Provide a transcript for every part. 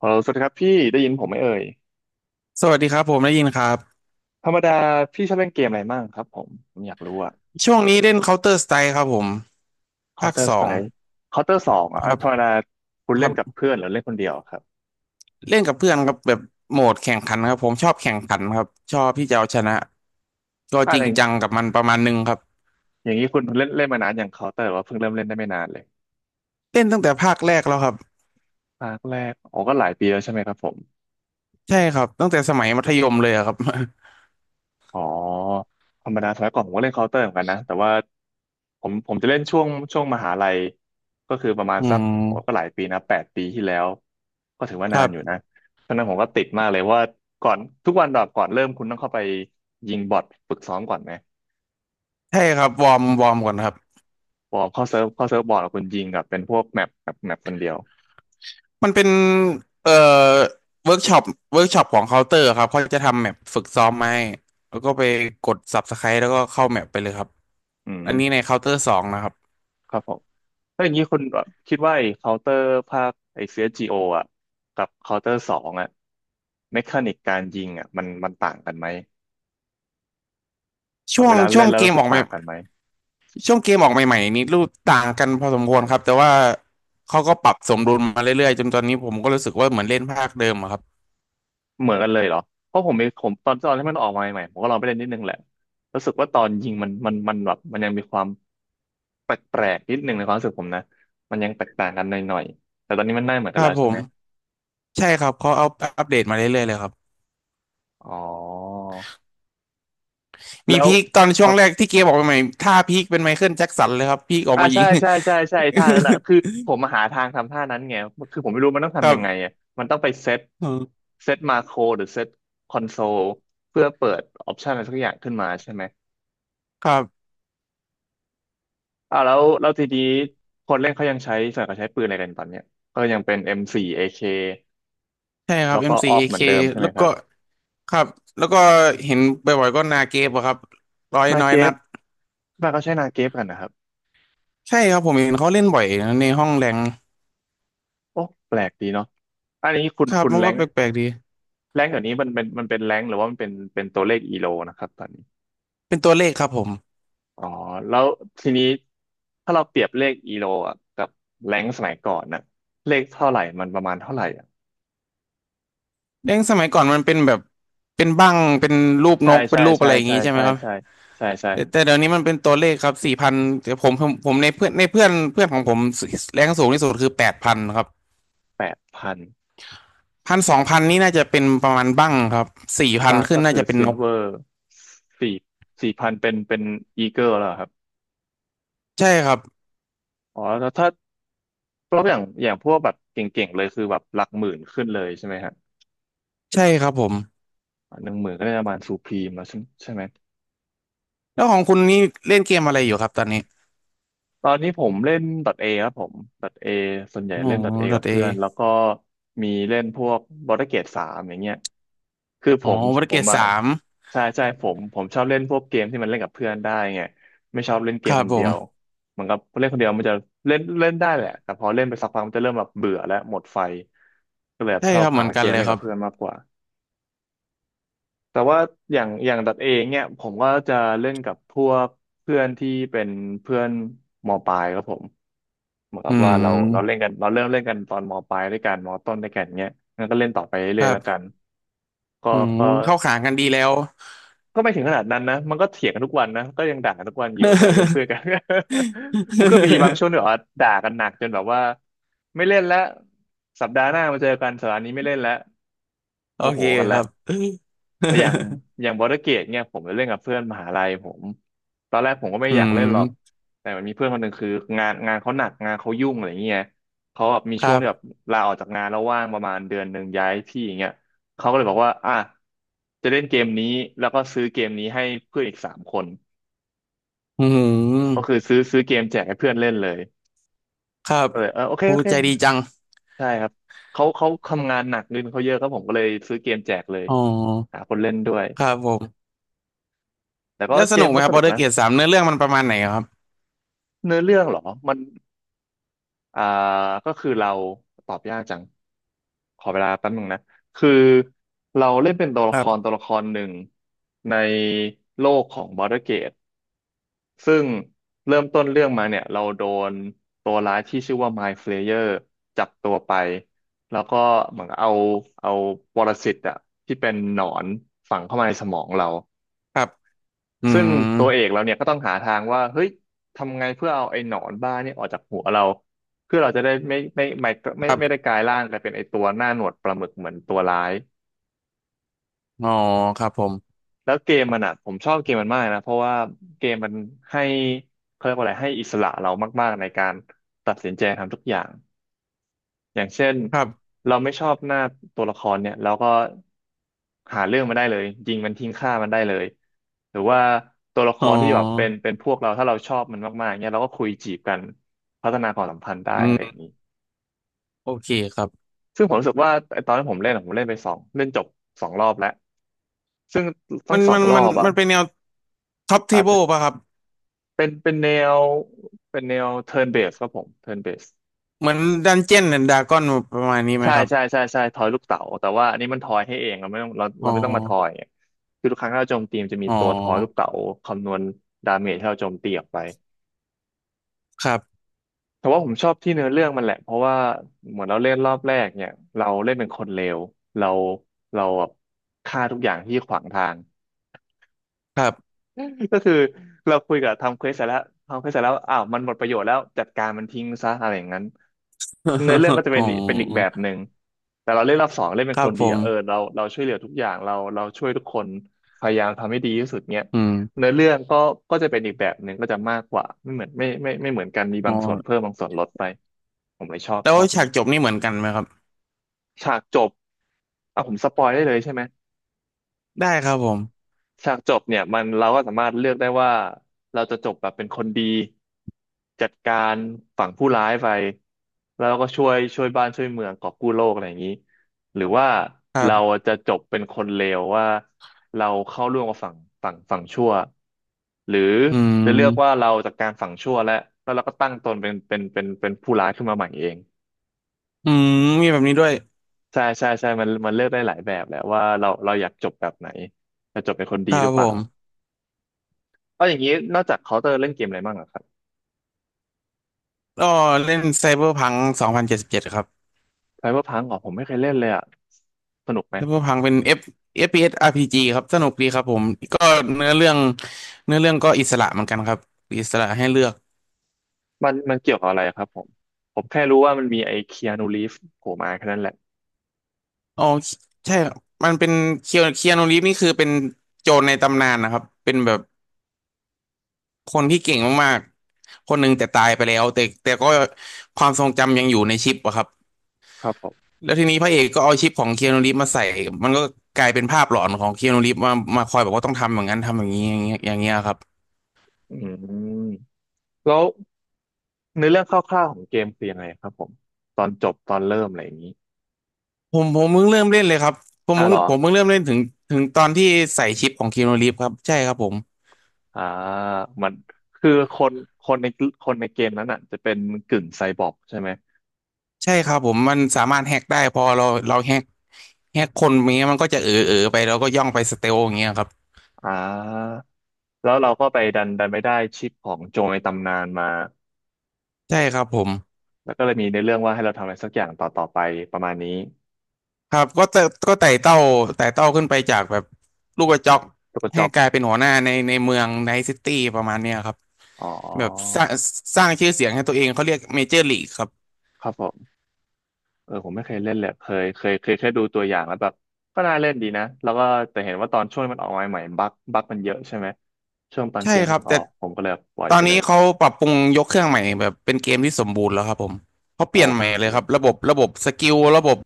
ฮัลโหลสวัสดีครับพี่ได้ยินผมไหมเอ่ยสวัสดีครับผมได้ยินครับธรรมดาพี่ชอบเล่นเกมอะไรมั่งครับผมอยากรู้อะ ช่วงนี้เล่น Counter Strike ครับผมภาค Counter สอง Strike Counter สองคอะรับธรรมดาคุณครัเล่บนกับเพื่อนหรือเล่นคนเดียวครับเล่นกับเพื่อนครับแบบโหมดแข่งขันครับผมชอบแข่งขันครับชอบที่จะเอาชนะก็อะจไรริงอย่าจังงกับมันประมาณหนึงครับอย่างนี้คุณเล่นเล่นมานานอย่าง Counter หรือว่าเพิ่งเริ่มเล่นได้ไม่นานเลยเล่นตั้งแต่ภาคแรกแล้วครับภาคแรกอ๋อก็หลายปีแล้วใช่ไหมครับผม ใช่ครับตั้งแต่สมัยมัธยมเลยอะครับ อ๋อธรรมดาสมัยก่อนผมก็เล่นเคาน์เตอร์เหมือนกันนะแต่ว่าผมจะเล่นช่วงมหาลัยก็คือประมาณอืสักโอ้ก็มหลายปีนะ8 ปีที่แล้วก็ถือว่าคนารันอยู่บนะตอนนั้นผมก็ติดมากเลยว่าก่อนทุกวันดอบก่อนเริ่มคุณต้องเข้าไปยิงบอทฝึกซ้อมก่อนไหมใช่ครับวอร์มวอร์มก่อนครับพอเข้าเซิร์ฟบอทคุณยิงกับเป็นพวกแมปคนเดียวมันเป็นเอ่อเวิร์กช็อปเวิร์กช็อปของเคาน์เตอร์ครับเขาจะทำแมปฝึกซ้อมมาให้แล้วก็ไปกด Subscribe แล้วก็เข้าแมปไปเลยครับอืมอันนี้ในเคาน์เตอร์สองนะครับ ครับผมแล้วอย่างนี้คุณคิดว่าไอ้เคาน์เตอร์ภาคไอ้ CSGO อสจีโออ่ะกับเคาน์เตอร์สองอ่ะเมคานิกการยิงอ่ะมันต่างกันไหม แบช่บวเวงลาช่เล่วนงแล้วเกรู้มสึอกอกใหม่ต่างกันไหมช่วงเกมออกใหม่ๆนี่รูปต่างกันพอสมควรครับแต่ว่าเขาก็ปรับสมดุลมาเรื่อยๆจนตอนนี้ผมก็รู้สึกว่าเหมือนเล่นภาคเดิมอะครับเหมือนกันเลยเหรอเพราะผมมีผมตอนที่มันออกมาใหม่ๆผมก็ลองไปเล่นนิดนึงแหละรู้สึกว่าตอนยิงมันแบบมันยังมีความแปลกๆนิดนึงในความรู้สึกผมนะมันยังแตกต่างกันหน่อยๆแต่ตอนนี้มันได้เหมือนคกันรัแล้บวผใช่ไหมมใช่ครับเขาเอาอัปเดตมาเรื่อยๆเลยครับอ๋อมีแล้วพีคตอนคช่วรังบแรกที่เกมออกใหม่ๆท่าพีคเป็นไมเคิลแจ็คสันเลยครับพีคออกอ่ามายิใช่ง ใช่ใช่ใช่ท่านั้นอ่ะคือ ผมมาหาทางทำท่านั้นไงคือผมไม่รู้มันต้องครัทำยังไงบอะมันต้องไปเซตอืมเซตมาโครหรือเซตคอนโซลเพื่อเปิดออปชันอะไรสักอย่างขึ้นมาใช่ไหม ครับอ่าแล้วทีนี้คนเล่นเขายังใช้ส่วนใหญ่เขาใช้ปืนอะไรกันตอนเนี้ยก็ยังเป็น M4 AK ใช่ครัแล้บวเอก็มซีออกเหเ k มือนเดิมใช่ไหแล้มวครัก็บครับแล้วก็เห็นบ่อยๆก็นาเกฟอะครับร้อยนาน้อยเกนัฟดบ้านเขาใช้นาเกฟกันนะครับใช่ครับผมเห็นเขาเล่นบ่อยนะในห้องแรงโอ้แปลกดีเนาะอันนี้คุณครับคุณมันแรก็งแปลกๆดี แรงเดี๋ยวนี้มันเป็นแรงหรือว่ามันเป็นตัวเลขอีโลนะครับตอนนี้เป็นตัวเลขครับผมอ๋อแล้วทีนี้ถ้าเราเปรียบเลขอีโลอ่ะกับแรงสมัยก่อนน่ะเลขเท่าไหร่มันประมาณเท่าไหร่อ่ะเด้งสมัยก่อนมันเป็นแบบเป็นบั้งเป็นรูปนใช่กเป็ใช่นรูปอะใช่ไรอย่างใช่งี้ใช่ไหมใช่ครับใช่ใช่ใช่แต่แต่เดี๋ยวนี้มันเป็นตัวเลขครับสี่พันแต่ผมในเพื่อนในเพื่อนเพื่อนของผมแรงสูงที่สุดคือ8,000ครับ8,000 พันสองพันนี่น่าจะเป็นประมาณบั้งครับสี่พันบางขึ้ก็นน่าคือจะเป็นซินลกเวอร์สี่สี่พันเป็นอีเกิลแล้วครับใช่ครับอ๋อแล้วถ้าเพราะอย่างพวกแบบเก่งๆเลยคือแบบหลักหมื่นขึ้นเลยใช่ไหมฮะใช่ครับผม10,000ก็ได้ประมาณสูพรีมแล้วใช่ใช่ไหม แล้วของคุณนี่เล่นเกมอะไรอยู่ครับตอนนี้ตอนนี้ผมเล่น .A ครับผม .A ส่วนใหญ่อ๋อเล่น .A ดอกัทบเอเพื่อนแล้วก็มีเล่นพวก b a r d e r Gate สามอย่างเงี้ยคือผอ๋อมวรเกรดอ่ะสามใช่ใช่ผมชอบเล่นพวกเกมที่มันเล่นกับเพื่อนได้ไงไม่ชอบเล่นเกคมรัคบนผเดียวมเหมือนกับเล่นคนเดียวมันจะเล่นเล่นได้แหละแต่พอเล่นไปสักพักมันจะเริ่มแบบเบื่อและหมดไฟก็เลยแบบใช่ชอคบรับเหหามือนกัเกนมเลยเล่นคกัรับบเพื่อนมากกว่า แต่ว่าอย่างดัดเองเนี่ยผมก็จะเล่นกับพวกเพื่อนที่เป็นเพื่อนมปลายครับผมเหมือนกัอืบว่าเราเล่มนกันเราเริ่มเล่นกันตอนมปลายด้วยกันมต้นด้วยกันเนี่ยงั้นก็เล่นต่อไปคเรื่อยรัๆแล้วกันบก็อืมก็เข้าขากันดีแล้ว ไม่ถึงขนาดนั้นนะมันก็เถียงกันทุกวันนะก็ยังด่ากันทุกวันอยู่ต่อให้เป็นเพื่อน กัน มันก็มีบางช่วงที่แบ บว่าด่ากันหนักจนแบบว่าไม่เล่นแล้วสัปดาห์หน้ามาเจอกันสัปดาห์นี้ไม่เล่นแล้วโอโมโหเคกันคแล้รัว บ แต่อย่างบอร์ดเกตเนี่ยผมไปเล่นกับเพื่อนมหาลัยผมตอนแรกผมก็ไม่อือยากเล่นหรอกมแต่มันมีเพื่อนคนหนึ่งคืองานเขาหนักงานเขายุ่งอะไรเงี้ยเขาแบบมีคช่วรังที่แบบบลาออกจากงานแล้วว่างประมาณเดือนหนึ่งย้ายที่อย่างเงี้ยเขาก็เลยบอกว่าอ่ะจะเล่นเกมนี้แล้วก็ซื้อเกมนี้ให้เพื่อนอีกสามคนอืก็มคือซื้อเกมแจกให้เพื่อนเล่นเลยครับก็เลยเออโอเคโอผู้เคใจดีจังใช่ครับเขาทำงานหนักเงินเขาเยอะครับผมก็เลยซื้อเกมแจกเลยอ๋อหาคนเล่นด้วยครับผมแต่ก็แล้วสเกนุมกไหมก็ครัสบบนุอร์กเดอร์นะ เกตสามเนื้อเรื่องมันประมาณไหนครับ เนื้อเรื่องเหรอ มันอ่าก็คือเราตอบยากจัง ขอเวลาแป๊บนึงนะ คือเราเล่นเป็นตัวคละครัรบหนึ่งในโลกของ Baldur's Gate ซึ่งเริ่มต้นเรื่องมาเนี่ยเราโดนตัวร้ายที่ชื่อว่า Mind Flayer จับตัวไป แล้วก็เหมือนเอาปรสิตอะที่เป็นหนอนฝังเข้ามาในสมองเรา ครับอืซึ่งตัวเอกมเราเนี่ยก็ต้องหาทางว่าเฮ้ยทำไงเพื่อเอาไอ้หนอนบ้าเนี่ยออกจากหัวเราเพื่อเราจะได้คไม่ได้รับกลายร่างกลายเป็นไอ้ตัวหน้าหนวดปลาหมึกเหมือนตัวร้ายอ๋อครับผมแล้วเกมมันอ่ะผมชอบเกมมันมากนะเพราะว่าเกมมันให้เขาเรียกว่าอะไรให้อิสระเรามากๆในการตัดสินใจทำทุกอย่าง อย่างเช่นครับเราไม่ชอบหน้าตัวละครเนี่ยเราก็หาเรื่องมันได้เลยยิงมันทิ้งฆ่ามันได้เลยหรือว่าตัวละคอ๋รที่แบบเป็นอเป็นพวกเราถ้าเราชอบมันมากๆเนี่ยเราก็คุยจีบกันพัฒนาความสัมพันธ์ได้อือะไรอย่ามงนี้โอเคครับ ซึ่งผมรู้สึกว่าไอ้ตอนที่ผมเล่นอะผมเล่นไปสองเล่นจบสองรอบแล้วซึ่งทั้มังนสอมังนรอมันบอ่ะมันเป็นแนวท็อปเทอาจเบิลจะป่ะครับ เป็นวเป็นแนว turn base ครับผม turn base เหมือนดันเจียนดดากอนประมาณนี้ไหมใช่ครับใช่ใช่ใช่ทอยลูกเต๋าแต่ว่าอันนี้มันทอยให้เองเราไม่ต้องเราอ๋เราอไม่ต้องมาทอยเนี่ยคือทุกครั้งที่เราโจมตีมันจะมีอ๋ตัวทอยลูกอเต๋าคำนวณดาเมจที่เราโจมตีออกไปครับแต่ว่าผมชอบที่เนื้อเรื่องมันแหละเพราะว่าเหมือนเราเล่นรอบแรกเนี่ยเราเล่นเป็นคนเลวเราเราแบบฆ่าทุกอย่างที่ขวางทาง ครับ ก็คือเราคุยกับทำเควสเสร็จแล้วทำเควสเสร็จแล้วอ้าวมันหมดประโยชน์แล้วจัดการมันทิ้งซะอะไรอย่างนั้นเนื้อเรื่องก็ จะอ๋เป็อนอีกเป็นอีกแบบหนึ่งแต่เราเล่นรอบสองเล่นเป็คนรัคบนผดีอะม เออเราช่วยเหลือทุกอย่างเราช่วยทุกคนพยายามทำให้ดีที่สุดเนี้ยอืมเนื้อเรื่องก็จะเป็นอีกแบบหนึ่งก็จะมากกว่าไม่เหมือนไม่เหมือนกันมีอ๋บาองส่วนเพิ่มบางส่วนลดไปผมเลยชอบแล้ชวอบฉามากกจบนี่เหมือนกันไหมครับฉากจบผมสปอยได้เลยใช่ไหม ได้ครับผมฉากจบเนี่ยมันเราก็สามารถเลือกได้ว่าเราจะจบแบบเป็นคนดีจัดการฝั่งผู้ร้ายไปแล้วเราก็ช่วยบ้านช่วยเมืองกอบกู้โลกอะไรอย่างนี้หรือว่าครัเราบจะจบเป็นคนเลวว่าเราเข้าร่วมกับฝั่งชั่วหรืออืจะเลือกว่ามเราจัดการฝั่งชั่วแล้วแล้วเราก็ตั้งตนเป็นผู้ร้ายขึ้นมาใหม่เองอืมมีแบบนี้ด้วยใช่ใช่ใช่มันมันเลือกได้หลายแบบแหละว่าเราอยากจบแบบไหนจะจบเป็นคนคดีรัหรืบอเปผล่า มเอาอย่างนี้นอกจากเคาน์เตอร์เล่นเกมอะไรบ้างอะครับก็เล่นไซเบอร์พัง2077ครับไซเบอร์พังอ๋อผมไม่เคยเล่นเลยอะสนุกไหมไซเบอร์พังเป็น F เอฟพีเอสอาร p s RPG ครับสนุกดีครับผมก็เนื้อเรื่องเนื้อเรื่องก็อิสระเหมือนกันครับอิสระให้เลือกมันมันเกี่ยวกับอะไรอะครับผมแค่รู้ว่ามันมีไอ้คีอานูรีฟโผล่มาแค่นั้นแหละอ๋อใช่ครับมันเป็นเคียเคียนูรีฟนี่คือเป็นโจรในตำนานนะครับเป็นแบบคนที่เก่งมากๆคนหนึ่งแต่ตายไปแล้วแต่แต่ก็ความทรงจำยังอยู่ในชิปอะครับ ครับผมแล้วทีนี้พระเอกก็เอาชิปของเคียนูรีฟมาใส่มันก็กลายเป็นภาพหลอนของเคียนูรีฟมามาคอยบอกว่าต้องทำอย่างนั้นทำอย่างนี้อย่างเงี้ยอย่างเงี้ยครับอืมแล้วเนื้อเรื่องคร่าวๆของเกมคือยังไงครับผมตอนจบตอนเริ่มอะไรอย่างนี้ผมผมเพิ่งเริ่มเล่นเลยครับผมอ่ะเพิ่เหรงอผมเพิ่งเริ่มเล่นถึงตอนที่ใส่ชิปของเคียนูรีฟครับใช่ครับผมอ่ามันคือคนคนในคนในเกมนั้นอ่ะจะเป็นกึ่งไซบอร์กใช่ไหมใช่ครับผมมันสามารถแฮกได้พอเราแฮกคนอย่างเงี้ยมันก็จะเออเออไปแล้วก็ย่องไปสเตลอย่างเงี้ยครับอ่าแล้วเราก็ไปดันไปได้ชิปของโจรในตำนานมา ใช่ครับผมแล้วก็เลยมีในเรื่องว่าให้เราทำอะไรสักอย่างต่อไปประมาณนี้ครับก็แต่ก็ไต่เต้าขึ้นไปจากแบบลูกกระจอกตูวกระจให้อกกลายเป็นหัวหน้าในในเมืองไนท์ซิตี้ประมาณเนี้ยครับ อ๋อแบบสร้างชื่อเสียงให้ตัวเองเขาเรียกเมเจอร์ลีกครับครับผมเออผมไม่เคยเล่นเลยเคยแค่ดูตัวอย่างแล้วแบบก็น่าเล่นดีนะแล้วก็แต่เห็นว่าตอนช่วงมันออกมาใหม่ๆบั๊กมันเยอะใช่ไหมช่วงตอนใช่เกมครัเพิ่บงอแต่อกผมก็เลยปล่อยตอไปนเลนี้ยเขาปรับปรุงยกเครื่องใหม่แบบเป็นเกมที่สมบูรณ์แล้วครับผมเขาเปโอลี่ยนใหม่เลยครัเคบระบบระบบสกิลระบบ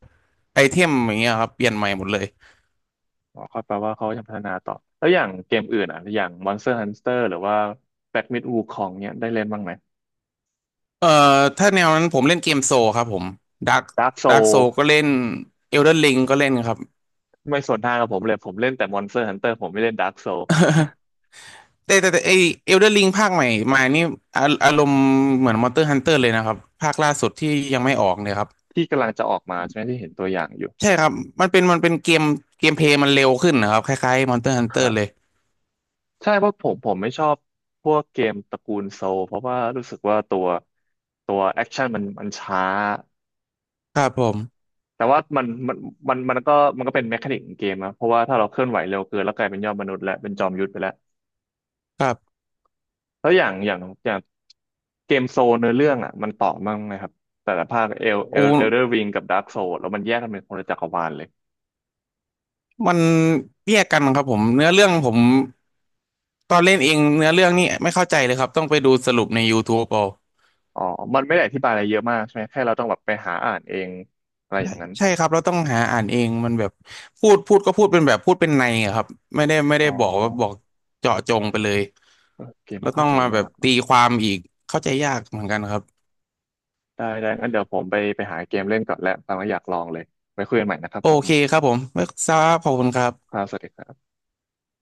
ไอเทมอย่างเงี้ยครับเปลี่ยนใหม่หมดเลยอ๋อก็แปลว่าเขาจะพัฒนาต่อแล้วอย่างเกมอื่นอ่ะอย่าง Monster Hunter หรือว่า Black Myth Wukong เนี่ยได้เล่นบ้างไหม เอ่อถ้าแนวนั้นผมเล่นเกมโซครับผมดัก Dark โซ Soul ก็เล่นเอลเดอร์ลิงก็เล่นครับไม่สวนทางกับผมเลยผมเล่นแต่ Monster Hunter ผมไม่เล่น Dark Soul แต่ไอเอลเดอร์ลิงภาคใหม่มานี่อาอารมณ์เหมือนมอนสเตอร์ฮันเตอร์เลยนะครับภาคล่าสุดที่ยังไม่ออกเนี่ยครับ ที่กำลังจะออกมาใช่ไหมที่เห็นตัวอย่างอยู่ใช่ครับมันเป็นมันเป็นเกมเกมเพลย์มันเร็วขึ้นนะครับคล้ายๆ Monster ค Hunter รัเลบยใช่เพราะผมไม่ชอบพวกเกมตระกูลโซลเพราะว่ารู้สึกว่าตัวตัวแอคชั่นมันช้าครับผมแต่ว่ามันก็มันก็เป็นแมคานิกของเกมนะเพราะว่าถ้าเราเคลื่อนไหวเร็วเกินแล้วกลายเป็นยอดมนุษย์และเป็นจอมยุทธไปแล้วครับแล้วอย่างเกมโซลเนื้อเรื่องอ่ะมันต่อมั่งไหมครับแต่ละภาคเอลเอโอ้ลเอลเดอร์ริงกับดาร์กโซลแล้วมันแยกกันเป็นคนละจักรวาลเลยมันแยกกันครับผมเนื้อเรื่องผมตอนเล่นเองเนื้อเรื่องนี่ไม่เข้าใจเลยครับต้องไปดูสรุปใน YouTube เอาอ๋อมันไม่ได้อธิบายอะไรเยอะมากใช่ไหมแค่เราต้องแบบไปหาอ่านเองอะไรอใช่ย่างนั้นใช่ครับเราต้องหาอ่านเองมันแบบพูดก็พูดเป็นแบบพูดเป็นในอะครับไม่ได้ไม่อ๋อ ได้บอกว่าบอกเจาะจงไปเลยเออเกมแล้มันวต้เข้าองใจมาแบยาบกตีเนาะความอีกเข้าใจยากเหมือนกันครับได้ได้งั้นเดี๋ยวผมไปหาเกมเล่นก่อนแล้วตามมาอยากลองเลยไว้คุยกันใหม่นะครับโอผมเคครับผมไม่ทราบขอบคุณครัคบรับสวัสดีครับ